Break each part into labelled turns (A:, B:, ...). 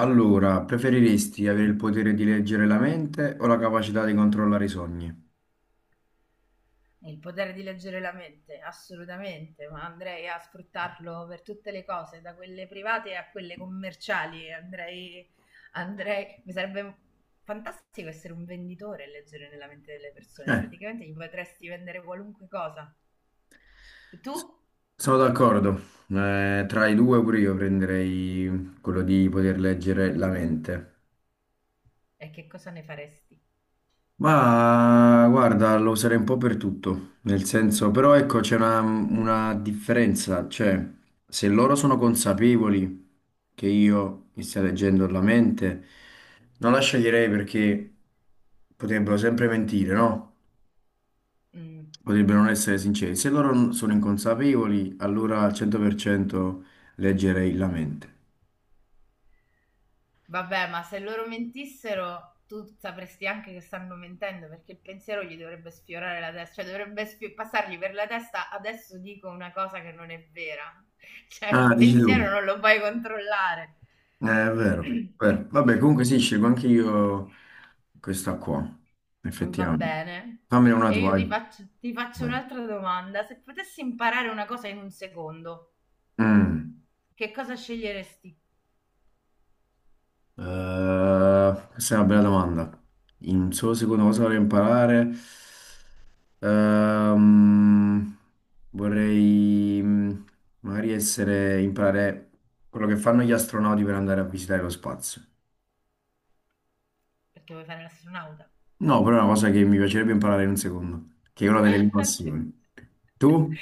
A: Allora, preferiresti avere il potere di leggere la mente o la capacità di controllare i sogni?
B: Il potere di leggere la mente, assolutamente, ma andrei a sfruttarlo per tutte le cose, da quelle private a quelle commerciali. Andrei, mi sarebbe fantastico essere un venditore e leggere nella mente delle persone.
A: Eh,
B: Praticamente gli potresti vendere qualunque cosa. Tu?
A: sono d'accordo. Tra i due pure io prenderei quello di poter leggere la mente.
B: E che cosa ne faresti?
A: Ma guarda, lo userei un po' per tutto, nel senso, però ecco, c'è una differenza, cioè, se loro sono consapevoli che io mi stia leggendo la mente, non la sceglierei perché potrebbero sempre mentire, no?
B: Mm.
A: Potrebbero non essere sinceri. Se loro non sono inconsapevoli, allora al 100% leggerei la mente.
B: Vabbè, ma se loro mentissero, tu sapresti anche che stanno mentendo perché il pensiero gli dovrebbe sfiorare la testa, cioè dovrebbe passargli per la testa. Adesso dico una cosa che non è vera. Cioè
A: Ah,
B: il
A: dici
B: pensiero
A: tu.
B: non lo puoi controllare.
A: È vero, è vero. Vabbè, comunque sì, scelgo anche io questa qua,
B: Va
A: effettivamente.
B: bene.
A: Fammene una
B: E
A: tua.
B: io ti
A: Vai.
B: faccio, ti faccio
A: Vai.
B: un'altra domanda. Se potessi imparare una cosa in un secondo,
A: Mm.
B: che cosa sceglieresti?
A: Questa è una bella domanda. In solo secondo cosa vorrei imparare? Ehm, vorrei magari essere, imparare quello che fanno gli astronauti per andare a visitare lo spazio.
B: Perché vuoi fare l'astronauta.
A: No, però è una cosa che mi piacerebbe imparare in un secondo, che è una delle mie
B: Ah, sì.
A: passioni. Tu?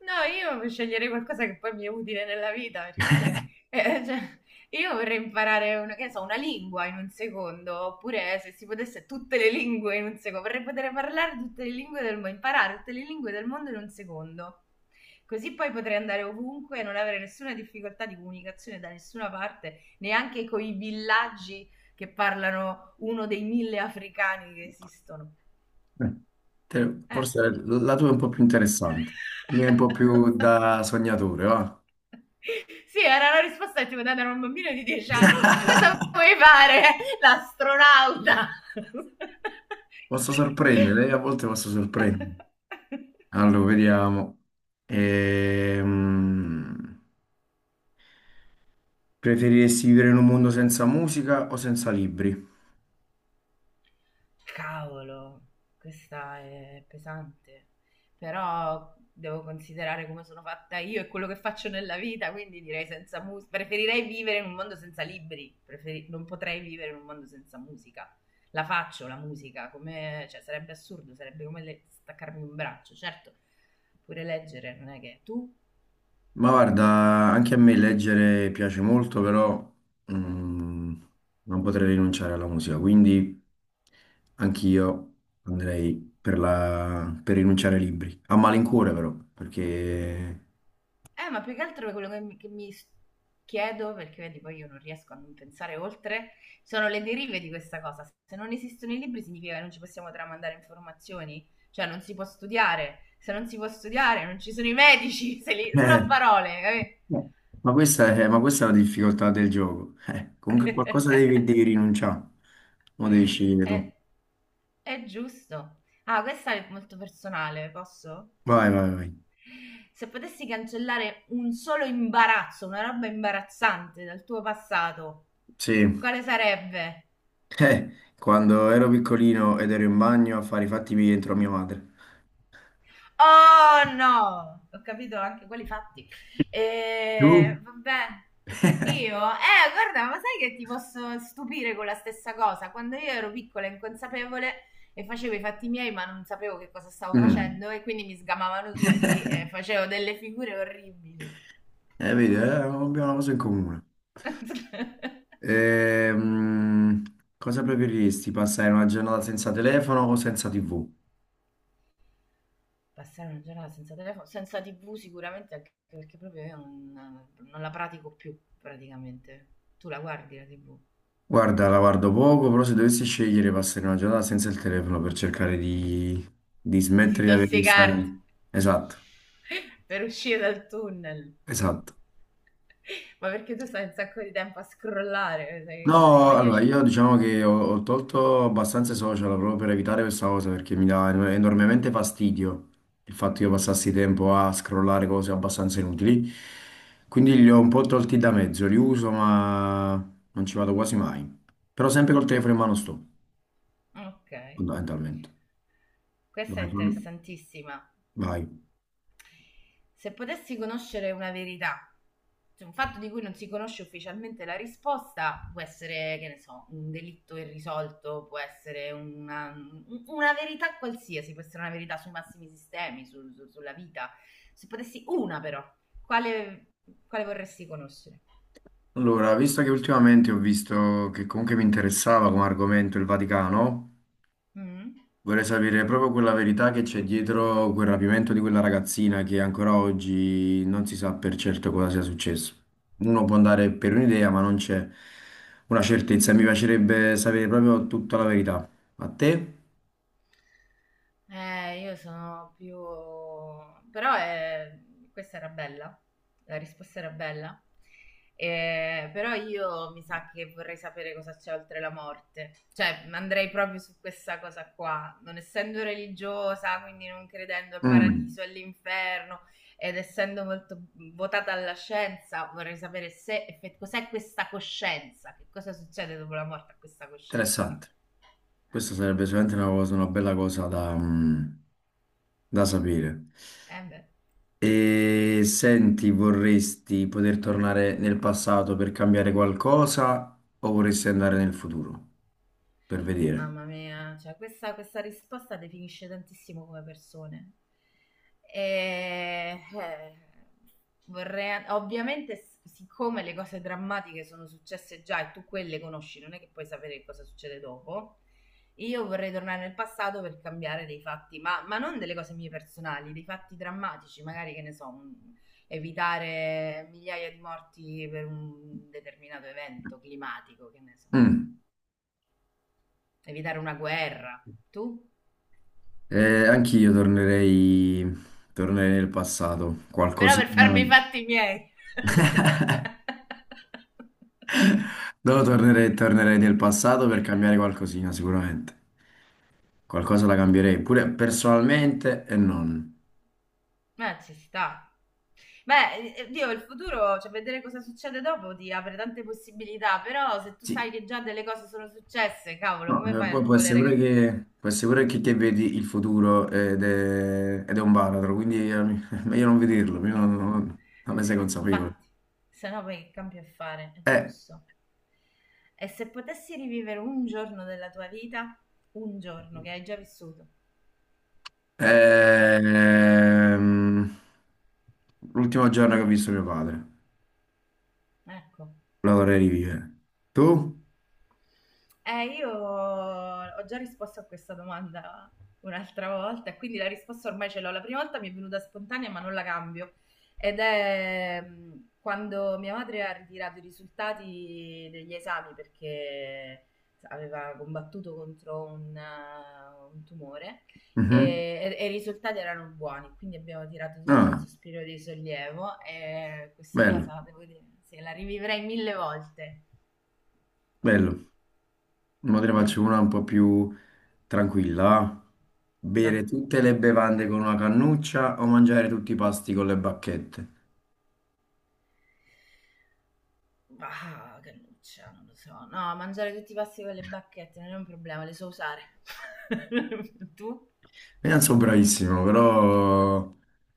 B: No, io sceglierei qualcosa che poi mi è utile nella vita, perché se... cioè, io vorrei imparare una, che ne so, una lingua in un secondo, oppure se si potesse tutte le lingue in un secondo, vorrei poter parlare tutte le lingue del mondo, imparare tutte le lingue del mondo in un secondo. Così poi potrei andare ovunque e non avere nessuna difficoltà di comunicazione da nessuna parte, neanche con i villaggi che parlano uno dei mille africani che esistono.
A: Eh,
B: Eh.
A: forse la tua è un po' più interessante, la mia è un po' più da sognatore, va?
B: Sì, era la risposta che ti poteva dare un bambino di 10 anni. Cosa vuoi fare? L'astronauta.
A: Posso sorprendere, a volte posso sorprendere. Allora, vediamo. Ehm, Preferiresti vivere in un mondo senza musica o senza libri?
B: Cavolo, questa è pesante, però devo considerare come sono fatta io e quello che faccio nella vita, quindi direi senza musica. Preferirei vivere in un mondo senza libri, non potrei vivere in un mondo senza musica. La faccio la musica, come, cioè, sarebbe assurdo, sarebbe come staccarmi un braccio, certo, pure leggere, non è che tu?
A: Ma guarda, anche a me leggere piace molto, però mm, non potrei rinunciare alla musica, quindi anch'io andrei per rinunciare ai libri. A malincuore però, perché...
B: Ma più che altro quello che mi chiedo, perché vedi, poi io non riesco a non pensare oltre, sono le derive di questa cosa. Se non esistono i libri significa che non ci possiamo tramandare informazioni, cioè non si può studiare. Se non si può studiare, non ci sono i medici, se sono a
A: eh,
B: parole, capì?
A: no. Ma questa è la difficoltà del gioco. Comunque qualcosa devi rinunciare, lo devi scegliere tu.
B: È, è giusto. Ah, questa è molto personale, posso?
A: Vai, vai, vai.
B: Se potessi cancellare un solo imbarazzo, una roba imbarazzante dal tuo passato,
A: Sì.
B: quale sarebbe?
A: Eh, quando ero piccolino ed ero in bagno a fare i fatti miei dentro a mia madre.
B: Oh no! Ho capito anche quelli fatti. E,
A: Tu?
B: vabbè. Io, guarda, ma sai che ti posso stupire con la stessa cosa? Quando io ero piccola e inconsapevole e facevo i fatti miei, ma non sapevo che cosa stavo
A: Mm.
B: facendo, e quindi mi sgamavano tutti e facevo delle figure orribili.
A: Vedi, abbiamo una cosa in comune. Ehm, cosa preferiresti, passare una giornata senza telefono o senza TV?
B: Passare una giornata senza telefono, senza TV sicuramente, anche perché proprio io non la pratico più praticamente. Tu la guardi la TV?
A: Guarda, la guardo poco, però se dovessi scegliere passare una giornata senza il telefono per cercare di
B: Di
A: smettere di avere questa...
B: disintossicarti.
A: Esatto,
B: Per uscire dal tunnel.
A: esatto.
B: Ma perché tu stai un sacco di tempo a scrollare, sei uno dei
A: No, allora
B: maniaci.
A: io diciamo che ho tolto abbastanza i social proprio per evitare questa cosa perché mi dà enormemente fastidio il fatto che io passassi tempo a scrollare cose abbastanza inutili. Quindi li ho un po' tolti da mezzo, li uso ma non ci vado quasi mai. Però sempre col telefono in mano sto,
B: Ok,
A: fondamentalmente.
B: questa è
A: Dai,
B: interessantissima.
A: vai.
B: Se potessi conoscere una verità, cioè un fatto di cui non si conosce ufficialmente la risposta, può essere, che ne so, un delitto irrisolto, può essere una verità qualsiasi, può essere una verità sui massimi sistemi, sulla vita. Se potessi una però, quale, quale vorresti conoscere?
A: Allora, visto che ultimamente ho visto che comunque mi interessava come argomento il Vaticano,
B: Mh.
A: vorrei sapere proprio quella verità che c'è dietro quel rapimento di quella ragazzina che ancora oggi non si sa per certo cosa sia successo. Uno può andare per un'idea, ma non c'è una certezza. Mi piacerebbe sapere proprio tutta la verità. A te?
B: Io sono più però, questa era bella, la risposta era bella. Però io mi sa che vorrei sapere cosa c'è oltre la morte. Cioè, andrei proprio su questa cosa qua. Non essendo religiosa, quindi non credendo al
A: Mm,
B: paradiso e all'inferno, ed essendo molto votata alla scienza, vorrei sapere se effe cos'è questa coscienza, che cosa succede dopo la morte a questa coscienza.
A: interessante.
B: Eh,
A: Questa sarebbe sicuramente una cosa, una bella cosa da, mm, da sapere.
B: eh beh.
A: E senti, vorresti poter tornare nel passato per cambiare qualcosa o vorresti andare nel futuro per vedere?
B: Mamma mia, cioè questa risposta definisce tantissimo come persone. E, vorrei, ovviamente, siccome le cose drammatiche sono successe già e tu quelle conosci, non è che puoi sapere cosa succede dopo. Io vorrei tornare nel passato per cambiare dei fatti, ma non delle cose mie personali, dei fatti drammatici, magari che ne so, evitare migliaia di morti per un determinato evento climatico, che ne so
A: Mm.
B: evitare una guerra. Tu?
A: Eh, anch'io tornerei nel passato,
B: Però per
A: qualcosina.
B: farmi i fatti miei.
A: No, tornerei nel passato per cambiare qualcosina, sicuramente. Qualcosa la cambierei, pure personalmente e non.
B: Ma ci sta. Beh, Dio, il futuro, cioè vedere cosa succede dopo ti apre tante possibilità, però se tu
A: Sì.
B: sai che già delle cose sono successe, cavolo,
A: No,
B: come fai a
A: poi
B: non
A: può essere
B: volere
A: pure
B: cambiare?
A: che, può essere pure che vedi il futuro ed è un baratro, quindi è meglio non vederlo, io non, non- non ne sei consapevole.
B: Infatti, se no poi che cambio a fare, è
A: Eh,
B: giusto. E se potessi rivivere un giorno della tua vita, un giorno che hai già vissuto, guarda,
A: ehm, l'ultimo giorno che ho visto mio padre,
B: ecco.
A: lo vorrei rivivere. Tu?
B: Io ho già risposto a questa domanda un'altra volta, e quindi la risposta ormai ce l'ho. La prima volta mi è venuta spontanea, ma non la cambio. Ed è quando mia madre ha ritirato i risultati degli esami perché aveva combattuto contro un tumore
A: Mhm.
B: e i risultati erano buoni, quindi abbiamo tirato tutti un
A: Ah,
B: sospiro di sollievo e questa
A: bello,
B: cosa, devo dire, se la rivivrei mille volte.
A: bello. Ora te ne
B: Mm,
A: faccio una un po' più tranquilla. Ah. Bere
B: vai.
A: tutte le bevande con una cannuccia o mangiare tutti i pasti con le bacchette?
B: Ah, che nuccia, non lo so. No, mangiare tutti i pasti con le bacchette non è un problema, le so usare. Tu?
A: Io non sono bravissimo, però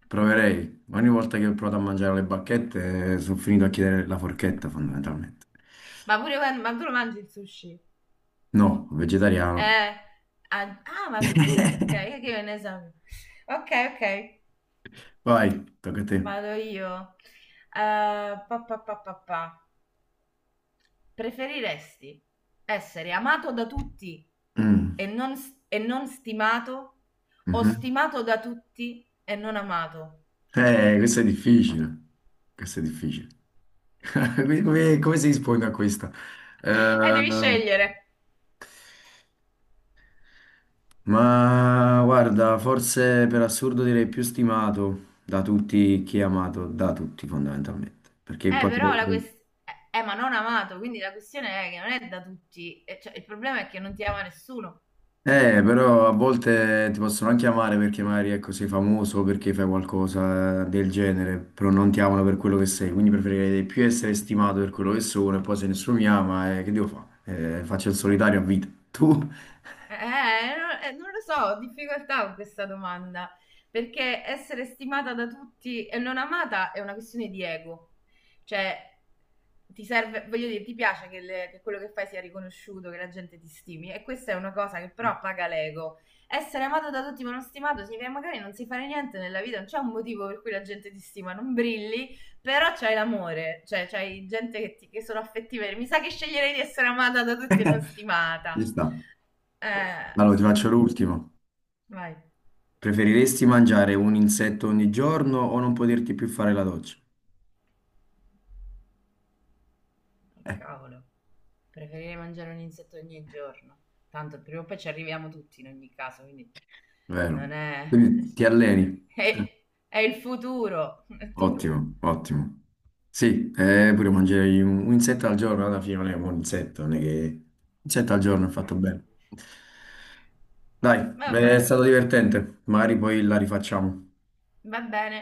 A: proverei. Ogni volta che ho provato a mangiare le bacchette, sono finito a chiedere la forchetta, fondamentalmente.
B: Ma tu lo mangi il sushi?
A: No, vegetariano.
B: Eh, ah, ah, ma sul serio, ok, che io ne so. Ok, ok,
A: Vai, tocca a te.
B: vado io. Pa, pa, pa, pa, pa. Preferiresti essere amato da tutti
A: Mm,
B: e non stimato o
A: mhm.
B: stimato da tutti e non amato?
A: Questo è difficile. Questo è difficile.
B: Che cacchio.
A: Come si risponde a questa?
B: Devi
A: Eh,
B: scegliere.
A: ma guarda, forse per assurdo direi più stimato da tutti chi è amato, da tutti fondamentalmente. Perché
B: Però la
A: potrei...
B: questione... Ma non amato, quindi la questione è che non è da tutti. Cioè, il problema è che non ti ama nessuno.
A: Però a volte ti possono anche amare perché magari ecco, sei famoso, perché fai qualcosa del genere, però non ti amano per quello che sei, quindi preferirei più essere stimato per quello che sono e poi se nessuno mi ama, che devo fare? Faccio il solitario a vita. Tu?
B: Non lo so, ho difficoltà con questa domanda. Perché essere stimata da tutti e non amata è una questione di ego. Cioè, ti serve, voglio dire, ti piace che quello che fai sia riconosciuto, che la gente ti stimi e questa è una cosa che però paga l'ego. Essere amato da tutti ma non stimato significa che magari non sai fare niente nella vita, non c'è un motivo per cui la gente ti stima, non brilli, però c'hai l'amore, cioè c'hai gente che sono affettive. Mi sa che sceglierei di essere amata da tutti e non
A: Ci
B: stimata.
A: sta. Allora ti
B: Sì,
A: faccio l'ultimo.
B: vai.
A: Preferiresti mangiare un insetto ogni giorno o non poterti più fare la doccia?
B: Oh,
A: Eh,
B: cavolo, preferirei mangiare un insetto ogni giorno. Tanto prima o poi ci arriviamo tutti in ogni caso, quindi Non
A: vero.
B: è...
A: Quindi ti alleni. Eh.
B: è... è il futuro. E tu?
A: Ottimo, ottimo. Sì, pure mangiare un insetto al giorno, alla fine non è un insetto, non è che... Un insetto al giorno è fatto bene. Dai, è
B: Vabbè,
A: stato divertente, magari poi la rifacciamo.
B: va bene.